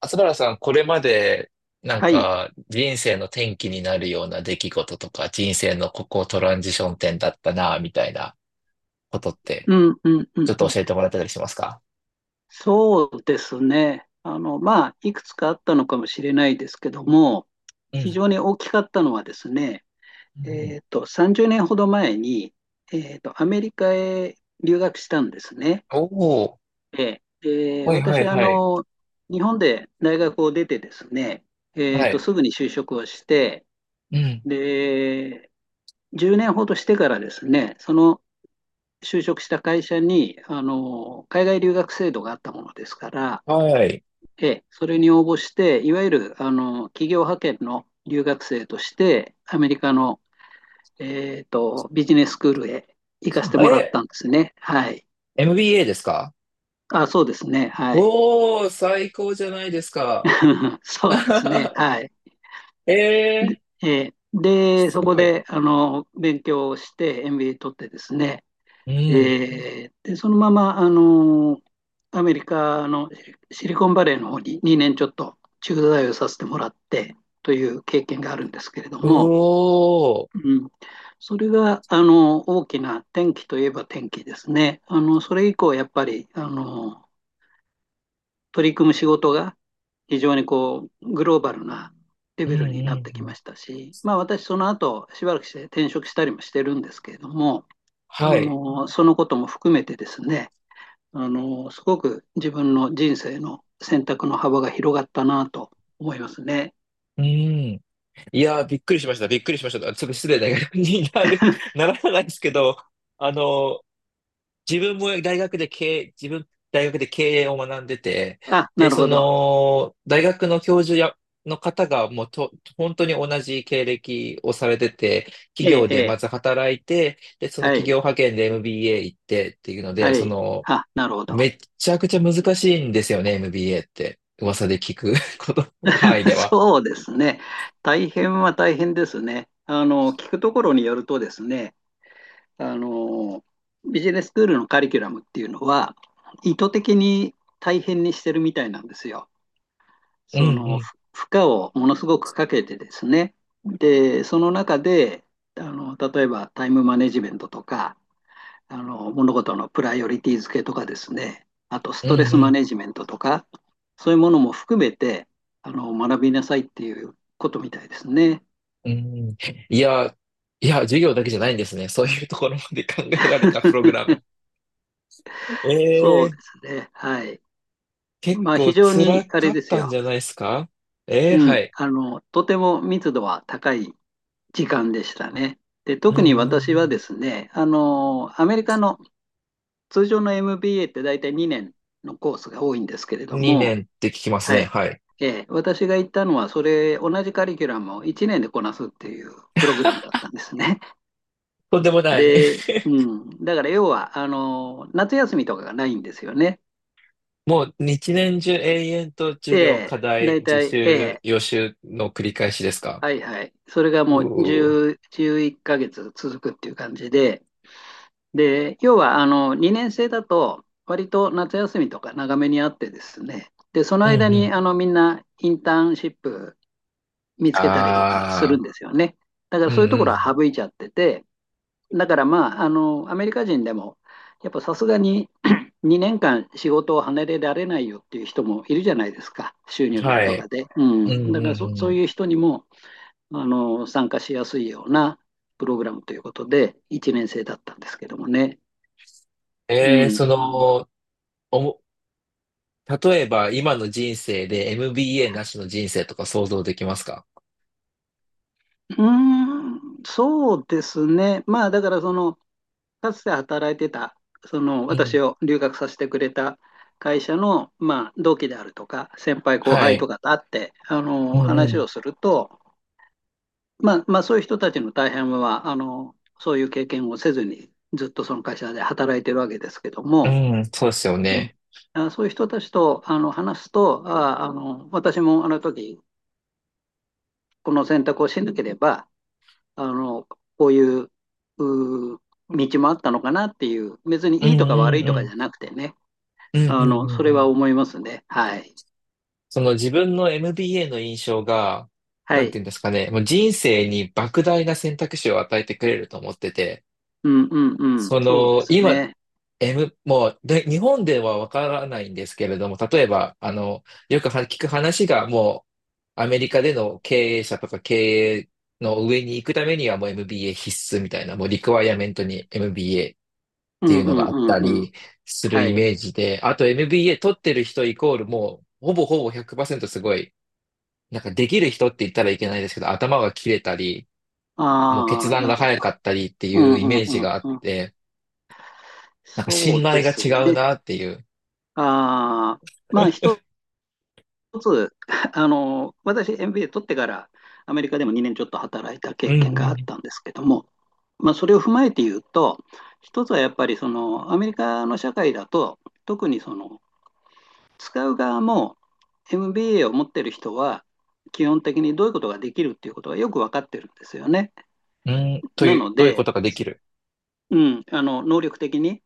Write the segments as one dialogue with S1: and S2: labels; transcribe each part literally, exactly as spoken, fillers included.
S1: 松原さん、これまで、なん
S2: はい。
S1: か、人生の転機になるような出来事とか、人生のここトランジション点だったな、みたいなことって、
S2: うんうんう
S1: ちょ
S2: ん
S1: っ
S2: う
S1: と
S2: ん。
S1: 教えてもらってたりしますか？
S2: そうですね。あの、まあ、いくつかあったのかもしれないですけども、
S1: う
S2: 非
S1: ん。
S2: 常に大きかったのはですね、
S1: うん。
S2: えっと、さんじゅうねんほど前に、えっと、アメリカへ留学したんですね。
S1: おおー、
S2: ええで
S1: はいはい
S2: 私、あ
S1: はい。
S2: の、日本で大学を出てですね、え
S1: は
S2: っと、
S1: い。
S2: すぐに就職をして、
S1: うん。
S2: で、じゅうねんほどしてからですね、その就職した会社に、あの、海外留学制度があったものですから、
S1: はい。
S2: ええ、それに応募して、いわゆる、あの、企業派遣の留学生として、アメリカの、えっと、ビジネススクールへ行かせてもらっ
S1: え、
S2: たんですね。はい。
S1: エムビーエー ですか？
S2: あ、そうですね。はい。
S1: おお、最高じゃないですか。
S2: そうですね。はい。
S1: え
S2: で、
S1: え、
S2: ええで
S1: す
S2: そこ
S1: ごい。
S2: で、あの、勉強をして、エムビーエー 取ってですね、
S1: う
S2: え
S1: ん。
S2: ーで、そのまま、あのーアメリカのシシリコンバレーの方ににねんちょっと駐在をさせてもらってという経験があるんですけれど
S1: う
S2: も、
S1: おー。
S2: うん、それが、あの大きな転機といえば転機ですね。あのそれ以降、やっぱり、あの取り組む仕事が非常にこうグローバルなレ
S1: うんう
S2: ベルになって
S1: ん
S2: き
S1: う
S2: ま
S1: ん。
S2: したし、まあ、私、その後しばらくして転職したりもしてるんですけれども、あ
S1: はい。
S2: のそのことも含めてですね、あの、すごく自分の人生の選択の幅が広がったなと思いますね。
S1: うん。いやー、びっくりしました。びっくりしました。ちょっと失礼な感じになる、ならないですけど、あの、自分も大学で経営、自分、大学で経営を学んでて、
S2: あ、な
S1: で、
S2: る
S1: そ
S2: ほど。
S1: の、大学の教授や、の方がもうと、本当に同じ経歴をされてて、企
S2: ええ、
S1: 業
S2: え
S1: でま
S2: え、
S1: ず働いて、で、その
S2: は
S1: 企
S2: い、
S1: 業派遣で エムビーエー 行ってっていうので、
S2: は
S1: そ
S2: い。
S1: の、
S2: あ、なるほ
S1: め
S2: ど。
S1: っちゃくちゃ難しいんですよね、エムビーエー って。噂で聞く こと、範囲 では。
S2: そうですね。大変は大変ですね。あの、聞くところによるとですね、あの、ビジネススクールのカリキュラムっていうのは、意図的に大変にしてるみたいなんですよ。
S1: うんう
S2: その
S1: ん。
S2: 負荷をものすごくかけてですね、で、その中で、あの、例えばタイムマネジメントとか、あの、物事のプライオリティ付けとかですね、あとス
S1: うん
S2: トレス
S1: う
S2: マ
S1: ん
S2: ネジメントとか、そういうものも含めて、あの、学びなさいっていうことみたいですね。
S1: うん。いや、いや、授業だけじゃないんですね。そういうところまで考えられたプロ グラム。
S2: そう
S1: ええ、
S2: ですね。はい。
S1: 結
S2: まあ、非
S1: 構
S2: 常に
S1: 辛
S2: あれ
S1: か
S2: で
S1: っ
S2: す
S1: たん
S2: よ。
S1: じゃないですか？ええ、
S2: うん。
S1: はい。
S2: あの、とても密度は高い時間でしたね。で、
S1: うん
S2: 特
S1: う
S2: に私は
S1: ん
S2: ですね、あの、アメリカの通常の エムビーエー って大体にねんのコースが多いんですけれ
S1: う
S2: ど
S1: ん。2
S2: も、
S1: 年って聞きます
S2: は
S1: ね。
S2: い。
S1: はい。
S2: えー私が行ったのは、それ、同じカリキュラムをいちねんでこなすっていうプログラムだったんですね。
S1: とんでもない。
S2: で、うん。だから要は、あの、夏休みとかがないんですよね。
S1: もう一年中永遠と授
S2: え
S1: 業、
S2: え、
S1: 課題、
S2: 大
S1: 自
S2: 体、え
S1: 習、
S2: え、
S1: 予習の繰り返しですか？
S2: はいはい。それが
S1: う
S2: もう
S1: ー。
S2: じゅういっかげつ続くっていう感じで、で、要はあのにねん生だと、割と夏休みとか長めにあってですね、で、その
S1: う
S2: 間
S1: んう
S2: に
S1: ん。
S2: あのみんなインターンシップ見つけたりとかする
S1: ああ、
S2: んですよね。だから
S1: うんう
S2: そういうところは
S1: ん。
S2: 省いちゃってて、だからまあ、あのアメリカ人でも、やっぱさすがに にねんかん仕事を離れられないよっていう人もいるじゃないですか、収入面
S1: は
S2: と
S1: い。
S2: かで。う
S1: うん
S2: ん、だから
S1: うん
S2: そ、
S1: う
S2: そう
S1: ん。
S2: いう人にもあの参加しやすいようなプログラムということで、いちねん生だったんですけどもね。う
S1: ええ、
S2: ん、
S1: その、おも例えば、今の人生で エムビーエー なしの人生とか想像できますか？
S2: うーん、そうですね。まあ、だからその、かつて働いてた、その、
S1: う
S2: 私
S1: ん。
S2: を留学させてくれた会社の、まあ、同期であるとか、先輩後
S1: は
S2: 輩と
S1: い。
S2: かと会って、あ
S1: う
S2: の、
S1: ん
S2: 話
S1: う
S2: をすると、まあ、まあ、そういう人たちの大半は、あの、そういう経験をせずに、ずっとその会社で働いてるわけですけども、
S1: ん、うんそうですよ
S2: うん、
S1: ね。
S2: あ、そういう人たちと、あの、話すと、あ、あの、私もあの時、この選択をしなければ、あの、こういう、うー道もあったのかなっていう、別
S1: う
S2: に
S1: ん。
S2: いい
S1: う
S2: とか
S1: ん
S2: 悪
S1: う
S2: い
S1: ん
S2: と
S1: う
S2: か
S1: ん。
S2: じゃなくてね、
S1: うんうんう
S2: あの、それ
S1: んう
S2: は
S1: ん。
S2: 思いますね。はい。
S1: その自分の エムビーエー の印象が、
S2: は
S1: なんて
S2: い。
S1: いうんですかね、もう人生に莫大な選択肢を与えてくれると思ってて、
S2: うんうんうん。
S1: そ
S2: そうで
S1: の、
S2: す
S1: 今、
S2: ね。
S1: M、もうで、日本ではわからないんですけれども、例えば、あの、よくは聞く話が、もう、アメリカでの経営者とか経営の上に行くためには、もう エムビーエー 必須みたいな、もうリクワイアメントに エムビーエー っ
S2: う
S1: てい
S2: ん
S1: う
S2: う
S1: の
S2: ん
S1: があっ
S2: う
S1: た
S2: んうん。
S1: りする
S2: は
S1: イ
S2: い。
S1: メージで、あと エムビーエー 取ってる人イコール、もう、ほぼほぼひゃくパーセントすごい、なんかできる人って言ったらいけないですけど、頭が切れたり、もう決
S2: ああ、
S1: 断
S2: なる
S1: が
S2: ほど。
S1: 早かったりって
S2: う
S1: いう
S2: ん
S1: イ
S2: う
S1: メ
S2: ん
S1: ージ
S2: うん
S1: があっ
S2: うん。
S1: て、なんか
S2: そ
S1: 信
S2: うで
S1: 頼が
S2: す
S1: 違う
S2: ね。
S1: なっていう。
S2: ああ、まあ一つ、あの、私 エムビーエー 取ってからアメリカでもにねんちょっと働いた
S1: う
S2: 経
S1: ん
S2: 験があ
S1: う
S2: っ
S1: ん
S2: たんですけども、まあ、それを踏まえて言うと、一つはやっぱりそのアメリカの社会だと、特にその使う側も エムビーエー を持ってる人は、基本的にどういうことができるっていうことがよく分かってるんですよね。
S1: うん。と
S2: な
S1: いう、
S2: の
S1: どういうこ
S2: で、
S1: とができる。
S2: うん、あの能力的に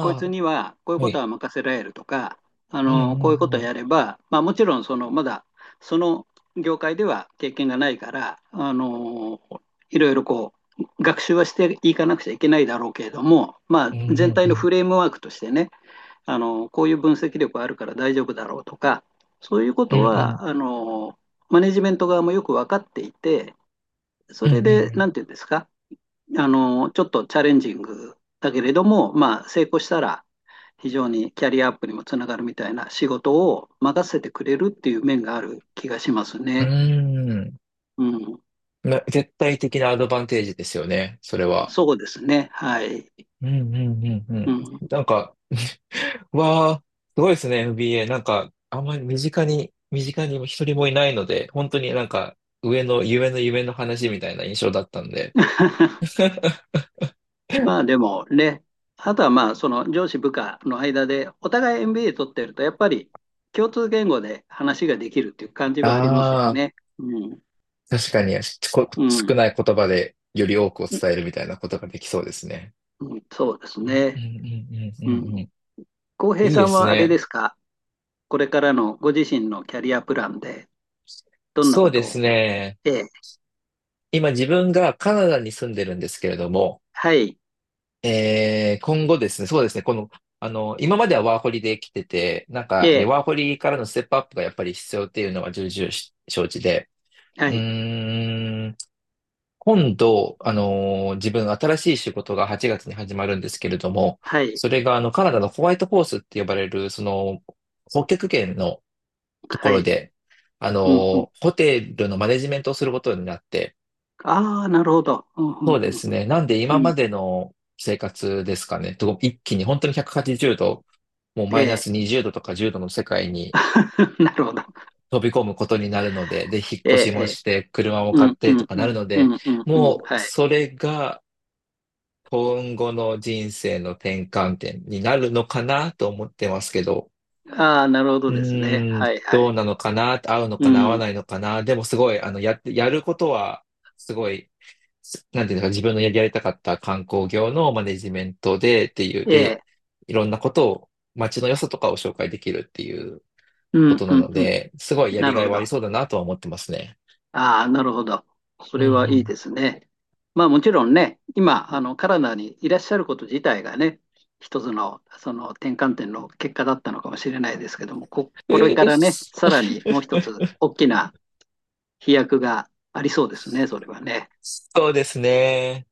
S2: こいつにはこういう
S1: あ、は
S2: こと
S1: い。
S2: は任せられるとか、あ
S1: うんう
S2: のこういうこ
S1: ん
S2: と
S1: う
S2: をや
S1: ん。
S2: れば、まあ、もちろんそのまだその業界では経験がないから、あのいろいろこう学習はしていかなくちゃいけないだろうけれども、ま
S1: う
S2: あ、
S1: んう
S2: 全
S1: ん
S2: 体
S1: う
S2: の
S1: ん。
S2: フレームワークとしてね、あのこういう分析力あるから大丈夫だろうとか、そういうこ
S1: うん
S2: と
S1: うん
S2: はあのマネジメント側もよく分かっていて、そ
S1: うん
S2: れで
S1: う
S2: 何て言うんですか、あの、ちょっとチャレンジングだけれども、まあ、成功したら、非常にキャリアアップにもつながるみたいな仕事を任せてくれるっていう面がある気がします
S1: ん
S2: ね。
S1: うん。
S2: うん、
S1: な、絶対的なアドバンテージですよね、それは。
S2: そうですね。はい。
S1: うんうんうんう
S2: う
S1: ん。
S2: ん、
S1: なんか、わあ、すごいですね、エフビーエー なんか、あんまり身近に、身近に一人もいないので、本当になんか、上の夢の夢の話みたいな印象だったんで。
S2: まあでもね、あとはまあその上司部下の間でお互い エムビーエー 取ってるとやっぱり共通言語で話ができるっていう感じはありますよ
S1: ああ、
S2: ね。うん、
S1: 確かに、こ
S2: う
S1: 少
S2: ん、
S1: ない言葉でより多くを伝えるみたいなことができそうですね。
S2: うん、そうです
S1: うんうんう
S2: ね。
S1: んうん
S2: う
S1: うんうん。
S2: ん、
S1: い
S2: 浩平
S1: い
S2: さ
S1: で
S2: ん
S1: す
S2: はあれ
S1: ね。
S2: ですか？これからのご自身のキャリアプランで、どんな
S1: そ
S2: こ
S1: うで
S2: と
S1: す
S2: を。
S1: ね。
S2: えー
S1: 今自分がカナダに住んでるんですけれども、
S2: はい。
S1: えー、今後ですね、そうですね、この、あの、今まではワーホリで来てて、なんか、で、ワ
S2: え
S1: ーホリからのステップアップがやっぱり必要っていうのは重々し承知で、
S2: ーは
S1: う
S2: い。
S1: ーん、今度、あのー自分新しい仕事がはちがつに始まるんですけれども、
S2: はい。
S1: それがあの、カナダのホワイトホースって呼ばれる、その、北極圏のとこ
S2: は
S1: ろ
S2: い。
S1: で、あ
S2: うん、うん。
S1: の、ホテルのマネジメントをすることになって、
S2: ああ、なるほど。うん、う
S1: そう
S2: ん、う
S1: で
S2: ん、
S1: す
S2: うん、
S1: ね。なんで
S2: う
S1: 今ま
S2: ん
S1: での生活ですかね。と一気に本当にひゃくはちじゅうど、もうマイナス
S2: え
S1: にじゅうどとかじゅうどの世界に
S2: ー なるほど。
S1: 飛び込むことになるので、で、引っ
S2: え
S1: 越し
S2: え、
S1: も
S2: え
S1: して、車も
S2: ーう
S1: 買っ
S2: ん、う
S1: てと
S2: ん、
S1: か
S2: う
S1: な
S2: ん、
S1: るの
S2: う
S1: で、
S2: ん、うん、うん、
S1: もう
S2: はい。
S1: それが今後の人生の転換点になるのかなと思ってますけど、
S2: ああ、なるほ
S1: う
S2: どですね。
S1: ーん、
S2: はい、は
S1: どうな
S2: い。
S1: のかな、合うの
S2: う
S1: かな、合わな
S2: ん、
S1: いのかな。でもすごい、あの、やって、やることは、すごい、すなんていうんですか、自分のやりやりたかった観光業のマネジメントでっていう、
S2: ええ、
S1: で、いろんなことを、街の良さとかを紹介できるっていう
S2: う
S1: こ
S2: ん、
S1: と
S2: う
S1: な
S2: ん、
S1: の
S2: うん、
S1: で、すごいや
S2: な
S1: り
S2: る
S1: がい
S2: ほ
S1: はあ
S2: ど。
S1: りそうだなとは思ってますね。
S2: ああ、なるほど。そ
S1: うんう
S2: れはいい
S1: ん。
S2: ですね。まあもちろんね、今、あの、カナダにいらっしゃること自体がね、一つの、その転換点の結果だったのかもしれないですけども、こ、これ
S1: え
S2: からね、
S1: ー
S2: さらにもう一つ大きな飛躍がありそうですね、それはね。
S1: そうですね。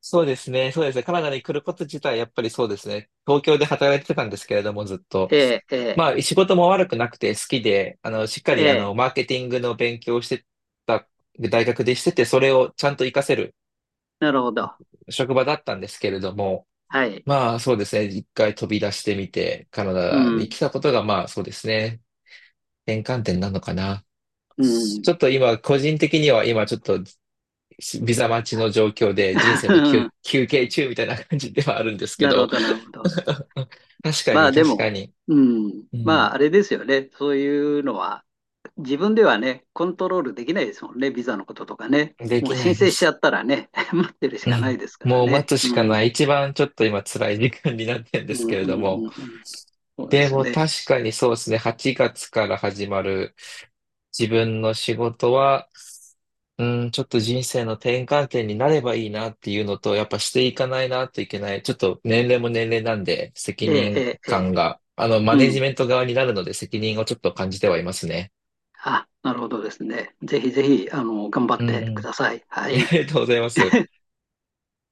S1: そうですね。そうですね。カナダに来ること自体、やっぱりそうですね。東京で働いてたんですけれども、ずっと。
S2: ええ、え
S1: ま
S2: え、
S1: あ、仕事も悪くなくて好きで、あの、しっかり、
S2: え
S1: あの、
S2: え、
S1: マーケティングの勉強をしてた、大学でしてて、それをちゃんと活かせる
S2: なるほど。
S1: 職場だったんですけれども、
S2: はい。
S1: まあ、そうですね。一回飛び出してみて、カナ
S2: う
S1: ダに
S2: ん、
S1: 来たことが、まあ、そうですね。転換点なのかな。
S2: う
S1: ち
S2: ん。
S1: ょっと今、個人的には今、ちょっとビザ待ちの状況で人 生
S2: う
S1: の休、
S2: ん、
S1: 休憩中みたいな感じではあるんですけ
S2: なるほ
S1: ど、
S2: ど、なるほど。
S1: 確か
S2: ま
S1: に
S2: あで
S1: 確か
S2: も、
S1: に、
S2: うん、
S1: う
S2: ま
S1: ん、
S2: ああれですよね。そういうのは、自分ではね、コントロールできないですもんね、ビザのこととかね。
S1: で
S2: もう
S1: きな
S2: 申
S1: いで
S2: 請しちゃ
S1: す。
S2: ったらね、待ってるし
S1: う
S2: かない
S1: ん、
S2: ですから
S1: もう待
S2: ね。
S1: つ
S2: う
S1: し
S2: ん、
S1: か
S2: うん、
S1: ない。一番ちょっと今辛い時間になってるんです
S2: う
S1: け
S2: ん、
S1: れ
S2: う
S1: ど
S2: ん、
S1: も、
S2: うん。そうで
S1: で
S2: す
S1: も
S2: ね。
S1: 確かにそうですね、はちがつから始まる自分の仕事は、うん、ちょっと人生の転換点になればいいなっていうのと、やっぱしていかないなといけない。ちょっと年齢も年齢なんで、責
S2: ええ、え
S1: 任
S2: え、ええ、
S1: 感が、あの、マネ
S2: う
S1: ジ
S2: ん。
S1: メント側になるので責任をちょっと感じてはいますね。
S2: あ、なるほどですね。ぜひぜひ、あの、頑張
S1: う
S2: っ
S1: ん
S2: て
S1: う
S2: く
S1: ん。
S2: ださい。は
S1: あ
S2: い。
S1: りがとうございます。